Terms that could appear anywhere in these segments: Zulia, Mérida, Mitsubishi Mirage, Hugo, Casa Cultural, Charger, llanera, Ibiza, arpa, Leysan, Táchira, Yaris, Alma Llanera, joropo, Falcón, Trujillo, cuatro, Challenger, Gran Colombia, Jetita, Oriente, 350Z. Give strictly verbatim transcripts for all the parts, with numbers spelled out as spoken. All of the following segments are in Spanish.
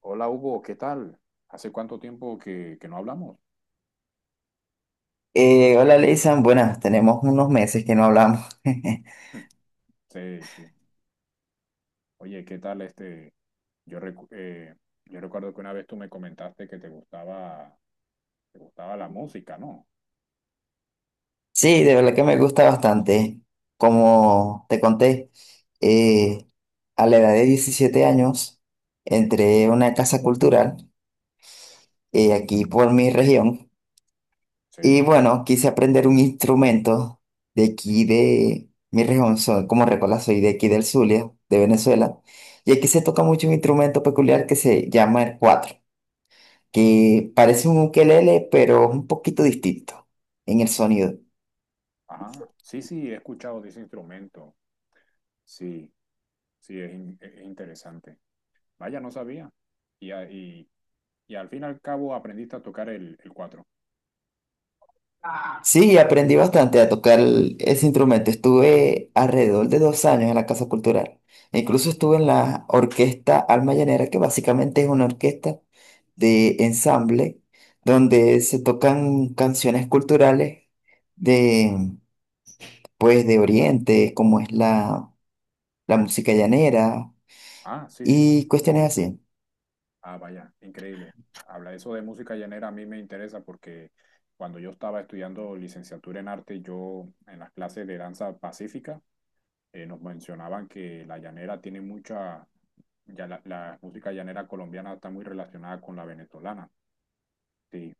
Hola Hugo, ¿qué tal? ¿Hace cuánto tiempo que, que no hablamos? Eh, hola, Leysan. Buenas, tenemos unos meses que no hablamos. Hmm, Sí, sí. Oye, ¿qué tal este? Yo, recu- eh, yo recuerdo que una vez tú me comentaste que te gustaba, te gustaba la música, ¿no? Sí, de verdad que me gusta bastante. Como te conté, eh, a la edad de diecisiete años entré a una casa cultural eh, aquí por mi región y Sí. bueno, quise aprender un instrumento de aquí de mi región. Soy, como recuerdas, soy de aquí del Zulia, de Venezuela. Y aquí se toca mucho un instrumento peculiar que se llama el cuatro, que parece un ukelele, pero es un poquito distinto en el sonido. Ajá. Sí, sí, he escuchado de ese instrumento. Sí, sí, es, in- es interesante. Vaya, no sabía. Y, a- y, y al fin y al cabo aprendiste a tocar el, el cuatro. Sí, aprendí bastante a tocar el- ese instrumento. Estuve alrededor de dos años en la Casa Cultural. Incluso estuve en la orquesta Alma Llanera, que básicamente es una orquesta de ensamble donde se tocan canciones culturales de, pues, de Oriente, como es la, la música llanera Ah, sí, sí, y sí. cuestiones así. Ah, vaya, increíble. Habla eso de música llanera, a mí me interesa porque cuando yo estaba estudiando licenciatura en arte, yo en las clases de danza pacífica eh, nos mencionaban que la llanera tiene mucha, ya la, la música llanera colombiana está muy relacionada con la venezolana, sí,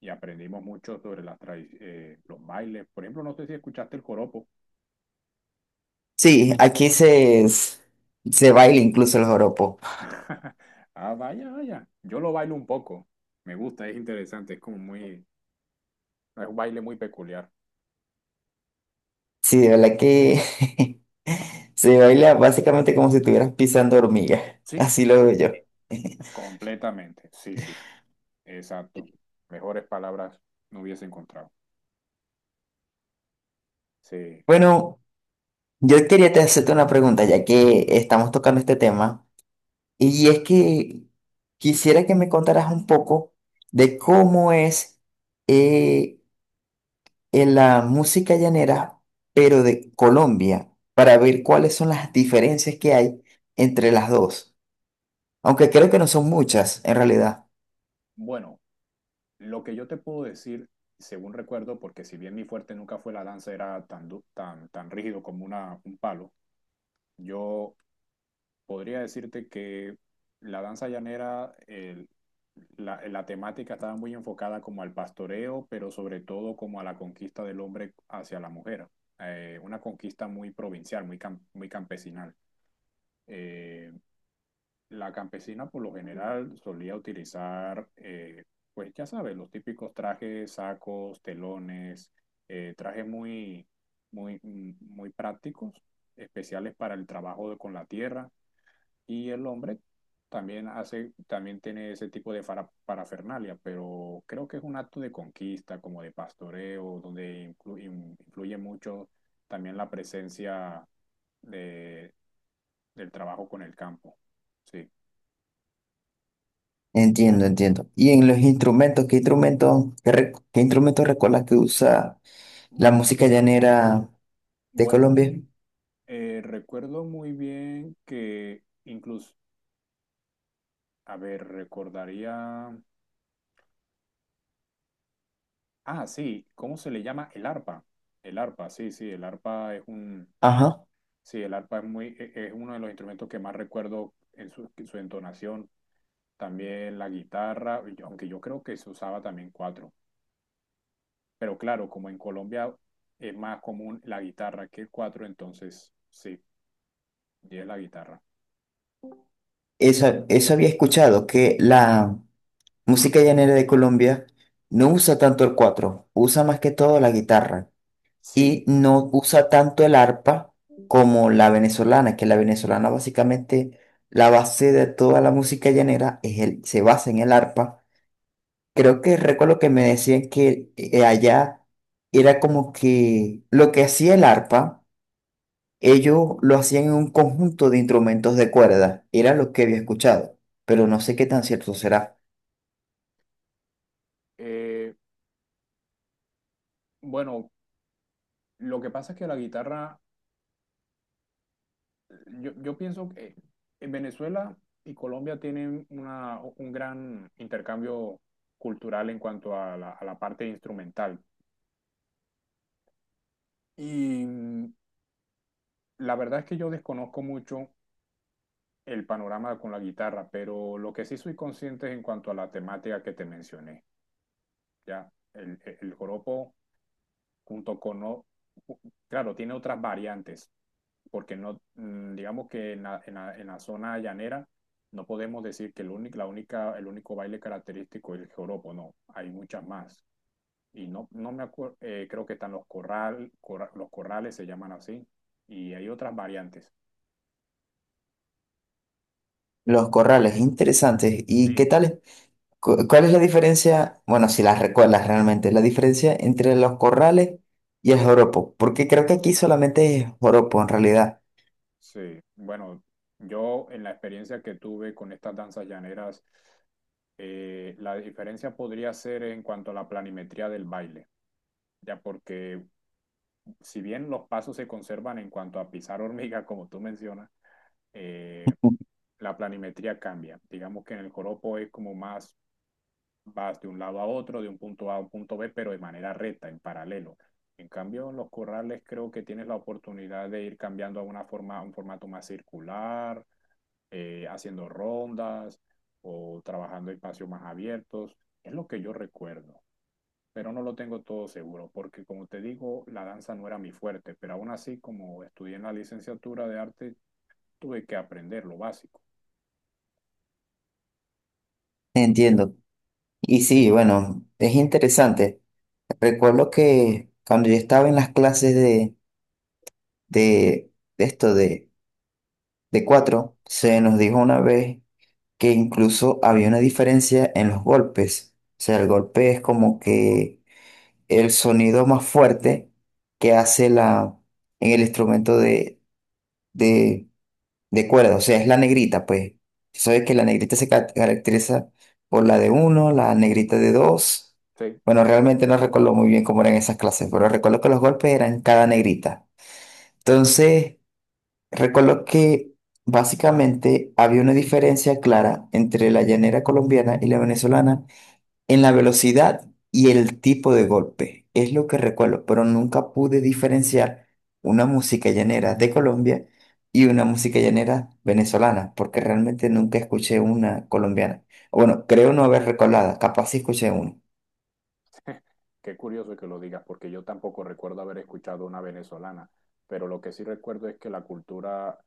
y aprendimos mucho sobre las tradi- eh, los bailes. Por ejemplo, no sé si escuchaste el joropo. Sí, aquí se, se baila incluso el joropo. Ah, vaya, vaya. Yo lo bailo un poco. Me gusta, es interesante, es como muy, es un baile muy peculiar. Sí, de verdad que se baila básicamente como si estuvieras pisando hormigas. Sí, Así lo veo yo. completamente, sí, sí, exacto. Mejores palabras no hubiese encontrado. Sí. Bueno, yo quería te hacerte una pregunta, ya que estamos tocando este tema, y es que quisiera que me contaras un poco de cómo es eh, en la música llanera, pero de Colombia, para ver cuáles son las diferencias que hay entre las dos. Aunque creo que no son muchas, en realidad. Bueno, lo que yo te puedo decir, según recuerdo, porque si bien mi fuerte nunca fue la danza, era tan, du- tan, tan rígido como una, un palo, yo podría decirte que la danza llanera, el- la, la temática estaba muy enfocada como al pastoreo, pero sobre todo como a la conquista del hombre hacia la mujer. Eh, una conquista muy provincial, muy, cam- muy campesinal. Eh, La campesina por lo general solía utilizar, eh, pues ya sabes, los típicos trajes, sacos, telones, eh, trajes muy, muy, mm, muy prácticos, especiales para el trabajo de- con la tierra. Y el hombre también hace, también tiene ese tipo de fara- parafernalia, pero creo que es un acto de conquista, como de pastoreo, donde inclu- in- influye mucho también la presencia de, del trabajo con el campo. Sí. Entiendo, entiendo. Y en los instrumentos, ¿qué instrumentos, qué, re- qué instrumentos recuerdas que usa la música llanera de Bueno, Colombia? eh, recuerdo muy bien que incluso, a ver, recordaría, ah, sí, ¿cómo se le llama? El arpa. El arpa, sí, sí, el arpa es un, Ajá. sí, el arpa es muy, e- e, es uno de los instrumentos que más recuerdo en su, en su entonación. También la guitarra, y yo- aunque yo creo que se usaba también cuatro. Pero claro, como en Colombia es más común la guitarra que el cuatro, entonces sí, y es la guitarra. Eso, eso había escuchado, que la música llanera de Colombia no usa tanto el cuatro, usa más que todo la guitarra. Sí, Y no usa tanto el arpa como la venezolana, que la venezolana básicamente, la base de toda la música llanera es el, se basa en el arpa. Creo que recuerdo que me decían que eh, allá era como que lo que hacía el arpa, ellos lo hacían en un conjunto de instrumentos de cuerda, era lo que había escuchado, pero no sé qué tan cierto será. eh, bueno, lo que pasa es que la guitarra. Yo, yo pienso que en Venezuela y Colombia tienen una, un gran intercambio cultural en cuanto a la, a la parte instrumental. Y mm, la verdad es que yo desconozco mucho el panorama con la guitarra, pero lo que sí soy consciente es en cuanto a la temática que te mencioné. Ya, el, el joropo junto con... o- Claro, tiene otras variantes porque no, mm, digamos que en la, en la, en la zona llanera no podemos decir que el único, la única, el único baile característico es el joropo, no, hay muchas más. Y no, no me acuerdo, eh, creo que están los corral, corra, los corrales se llaman así, y hay otras variantes. Los corrales, interesantes. ¿Y qué Sí, tal? cu- ¿Cuál es la diferencia? Bueno, si las recuerdas realmente, la diferencia entre los corrales y el joropo, porque creo que aquí solamente es joropo en realidad. sí. Bueno, yo en la experiencia que tuve con estas danzas llaneras, eh, la diferencia podría ser en cuanto a la planimetría del baile, ya porque si bien los pasos se conservan en cuanto a pisar hormiga, como tú mencionas, eh, la planimetría cambia. Digamos que en el joropo es como más, vas de un lado a otro, de un punto A a un punto B, pero de manera recta, en paralelo. En cambio, en los corrales creo que tienes la oportunidad de ir cambiando a una forma, a un formato más circular, eh, haciendo rondas o trabajando espacios más abiertos. Es lo que yo recuerdo, pero no lo tengo todo seguro, porque como te digo, la danza no era mi fuerte, pero aún así, como estudié en la licenciatura de arte, tuve que aprender lo básico. Entiendo. Y Sí. sí, bueno, es interesante. Recuerdo que cuando yo estaba en las clases de, de, de esto de, de Y- cuatro, se ajá, nos dijo una vez que incluso había una diferencia en los golpes. O sea, el golpe es como que el sonido más fuerte que hace la, en el instrumento de. De acuerdo, o sea, es la negrita, pues. Si sabes que la negrita se ca- caracteriza por la de uno, la negrita de dos. sí. Bueno, realmente no recuerdo muy bien cómo eran esas clases, pero recuerdo que los golpes eran cada negrita. Entonces, recuerdo que básicamente había una diferencia clara entre la llanera colombiana y la venezolana en la velocidad y el tipo de golpe. Es lo que recuerdo, pero nunca pude diferenciar una música llanera de Colombia y una música llanera venezolana, porque realmente nunca escuché una colombiana. Bueno, creo no haber recordado, capaz sí escuché una. Qué curioso que lo digas, porque yo tampoco recuerdo haber escuchado una venezolana, pero lo que sí recuerdo es que la cultura,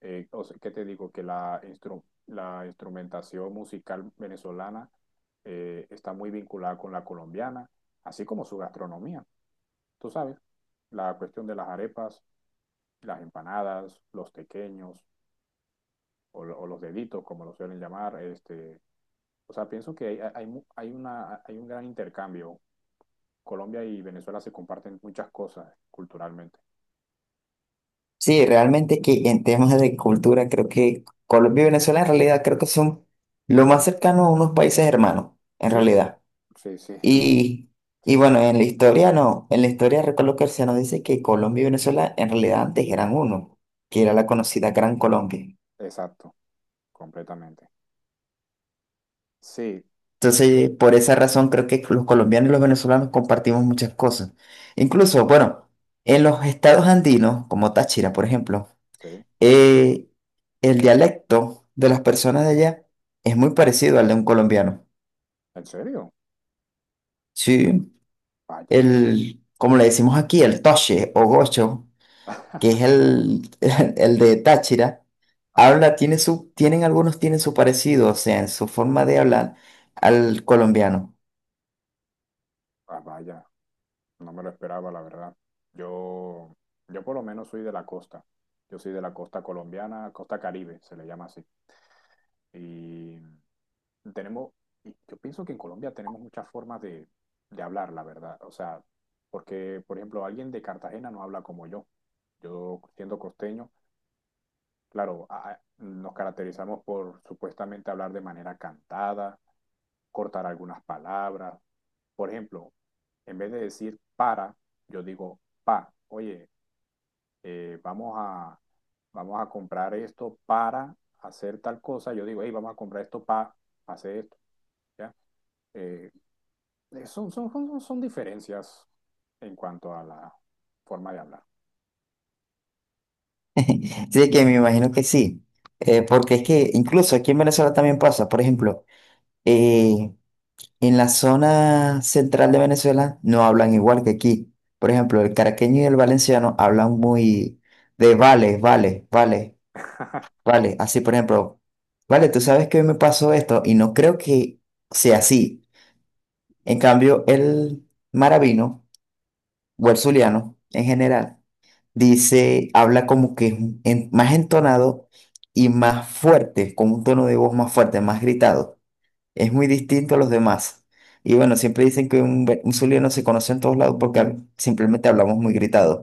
eh, o sea, ¿qué te digo? Que la, instru- la instrumentación musical venezolana eh, está muy vinculada con la colombiana, así como su gastronomía. Tú sabes, la cuestión de las arepas, las empanadas, los tequeños o, lo- o los deditos, como lo suelen llamar. Este, o sea, pienso que hay, hay, mu- hay una, hay un gran intercambio. Colombia y Venezuela se comparten muchas cosas culturalmente. Sí, realmente que en temas de cultura creo que Colombia y Venezuela en realidad creo que son lo más cercano a unos países hermanos, en Sí, realidad. sí, sí, no, Y, sí, y bueno, en la historia no, en la historia recuerdo que se nos dice que Colombia y Venezuela en realidad antes eran uno, que era la conocida Gran Colombia. exacto, completamente. Sí, Entonces, por esa razón creo que los colombianos y los venezolanos compartimos muchas cosas. Incluso, bueno, en los estados andinos, como Táchira, por ejemplo, sí, eh, el dialecto de las personas de allá es muy parecido al de un colombiano. ¿en serio? Sí, Vaya. el, como le decimos aquí, el toche o gocho, que es el, el de Táchira, Ajá, habla, tiene su, tienen algunos tienen su parecido, o sea, en su forma de hablar al colombiano. ah, vaya. No me lo esperaba, la verdad. Yo, yo por lo menos soy de la costa. Yo soy de la costa colombiana, costa Caribe, se le llama así. Y tenemos, y yo pienso que en Colombia tenemos muchas formas de, de hablar, la verdad. O sea, porque, por ejemplo, alguien de Cartagena no habla como yo. Yo, siendo costeño, claro, a- a- nos caracterizamos por supuestamente hablar de manera cantada, cortar algunas palabras. Por ejemplo, en vez de decir para, yo digo pa. Oye, eh, vamos a, vamos a comprar esto para hacer tal cosa. Yo digo, hey, vamos a comprar esto para hacer esto. ¿Ya? Eh, son, son, son, son diferencias en cuanto a la forma de hablar. Sí que me imagino que sí, eh, porque es que incluso aquí en Venezuela también pasa, por ejemplo, eh, en la zona central de Venezuela no hablan igual que aquí. Por ejemplo, el caraqueño y el valenciano hablan muy de vale, vale, vale, vale. Así, por ejemplo, vale, tú sabes que hoy me pasó esto y no creo que sea así. En cambio, el maravino o el zuliano en general dice, habla como que es un- en- más entonado y más fuerte, con un tono de voz más fuerte, más gritado. Es muy distinto a los demás. Y bueno, siempre dicen que un, ve- un zuliano se conoce en todos lados porque hab- simplemente hablamos muy gritado.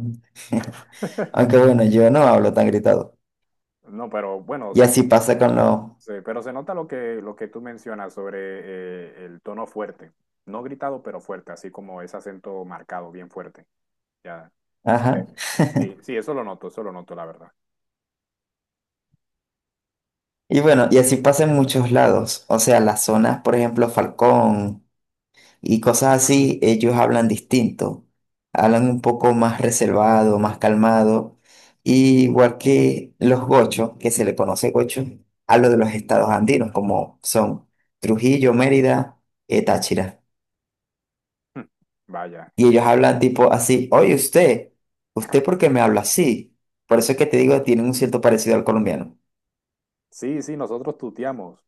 Aunque bueno, yo no hablo tan gritado. No, pero bueno, Y se, así pasa con los... Sí, pero se nota lo que, lo que tú mencionas sobre eh, el tono fuerte. No gritado, pero fuerte, así como ese acento marcado, bien fuerte. Ya. se Ajá. le- Sí, sí, eso lo noto, eso lo noto, la verdad. Y bueno, y así pasa en muchos lados. O sea, las zonas, por ejemplo, Falcón y cosas así, ellos hablan distinto, hablan un poco más reservado, más calmado, y igual que los gochos, que se le conoce gocho, hablo de los estados andinos, como son Trujillo, Mérida, eh, Táchira. Hmm, Vaya, Y ellos que... hablan tipo así, oye usted, ¿usted por qué me habla así? Por eso es que te digo, tienen un cierto parecido al colombiano. Sí, sí, nosotros tuteamos,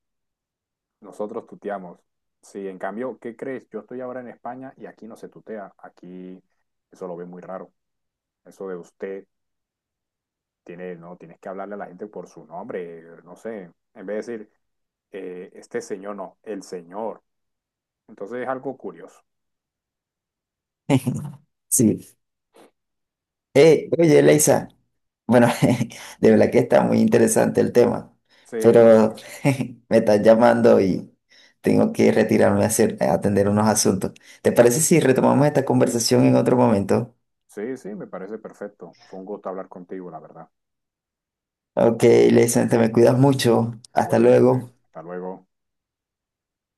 nosotros tuteamos. Sí, en cambio, ¿qué crees? Yo estoy ahora en España y aquí no se tutea, aquí eso lo ve muy raro. Eso de usted tiene, no, tienes que hablarle a la gente por su nombre, no sé, en vez de decir eh, este señor, no, el señor. Entonces es algo curioso. Sí. Eh, oye, Leisa, bueno, de verdad que está muy interesante el tema, Sí, la pero verdad. me están llamando y tengo que retirarme a hacer, a atender unos asuntos. ¿Te parece si retomamos esta conversación en otro momento? Sí, sí, me parece perfecto. Fue un gusto hablar contigo, la verdad. Ok, Leisa, te me cuidas mucho. Hasta Igualmente, luego. hasta luego.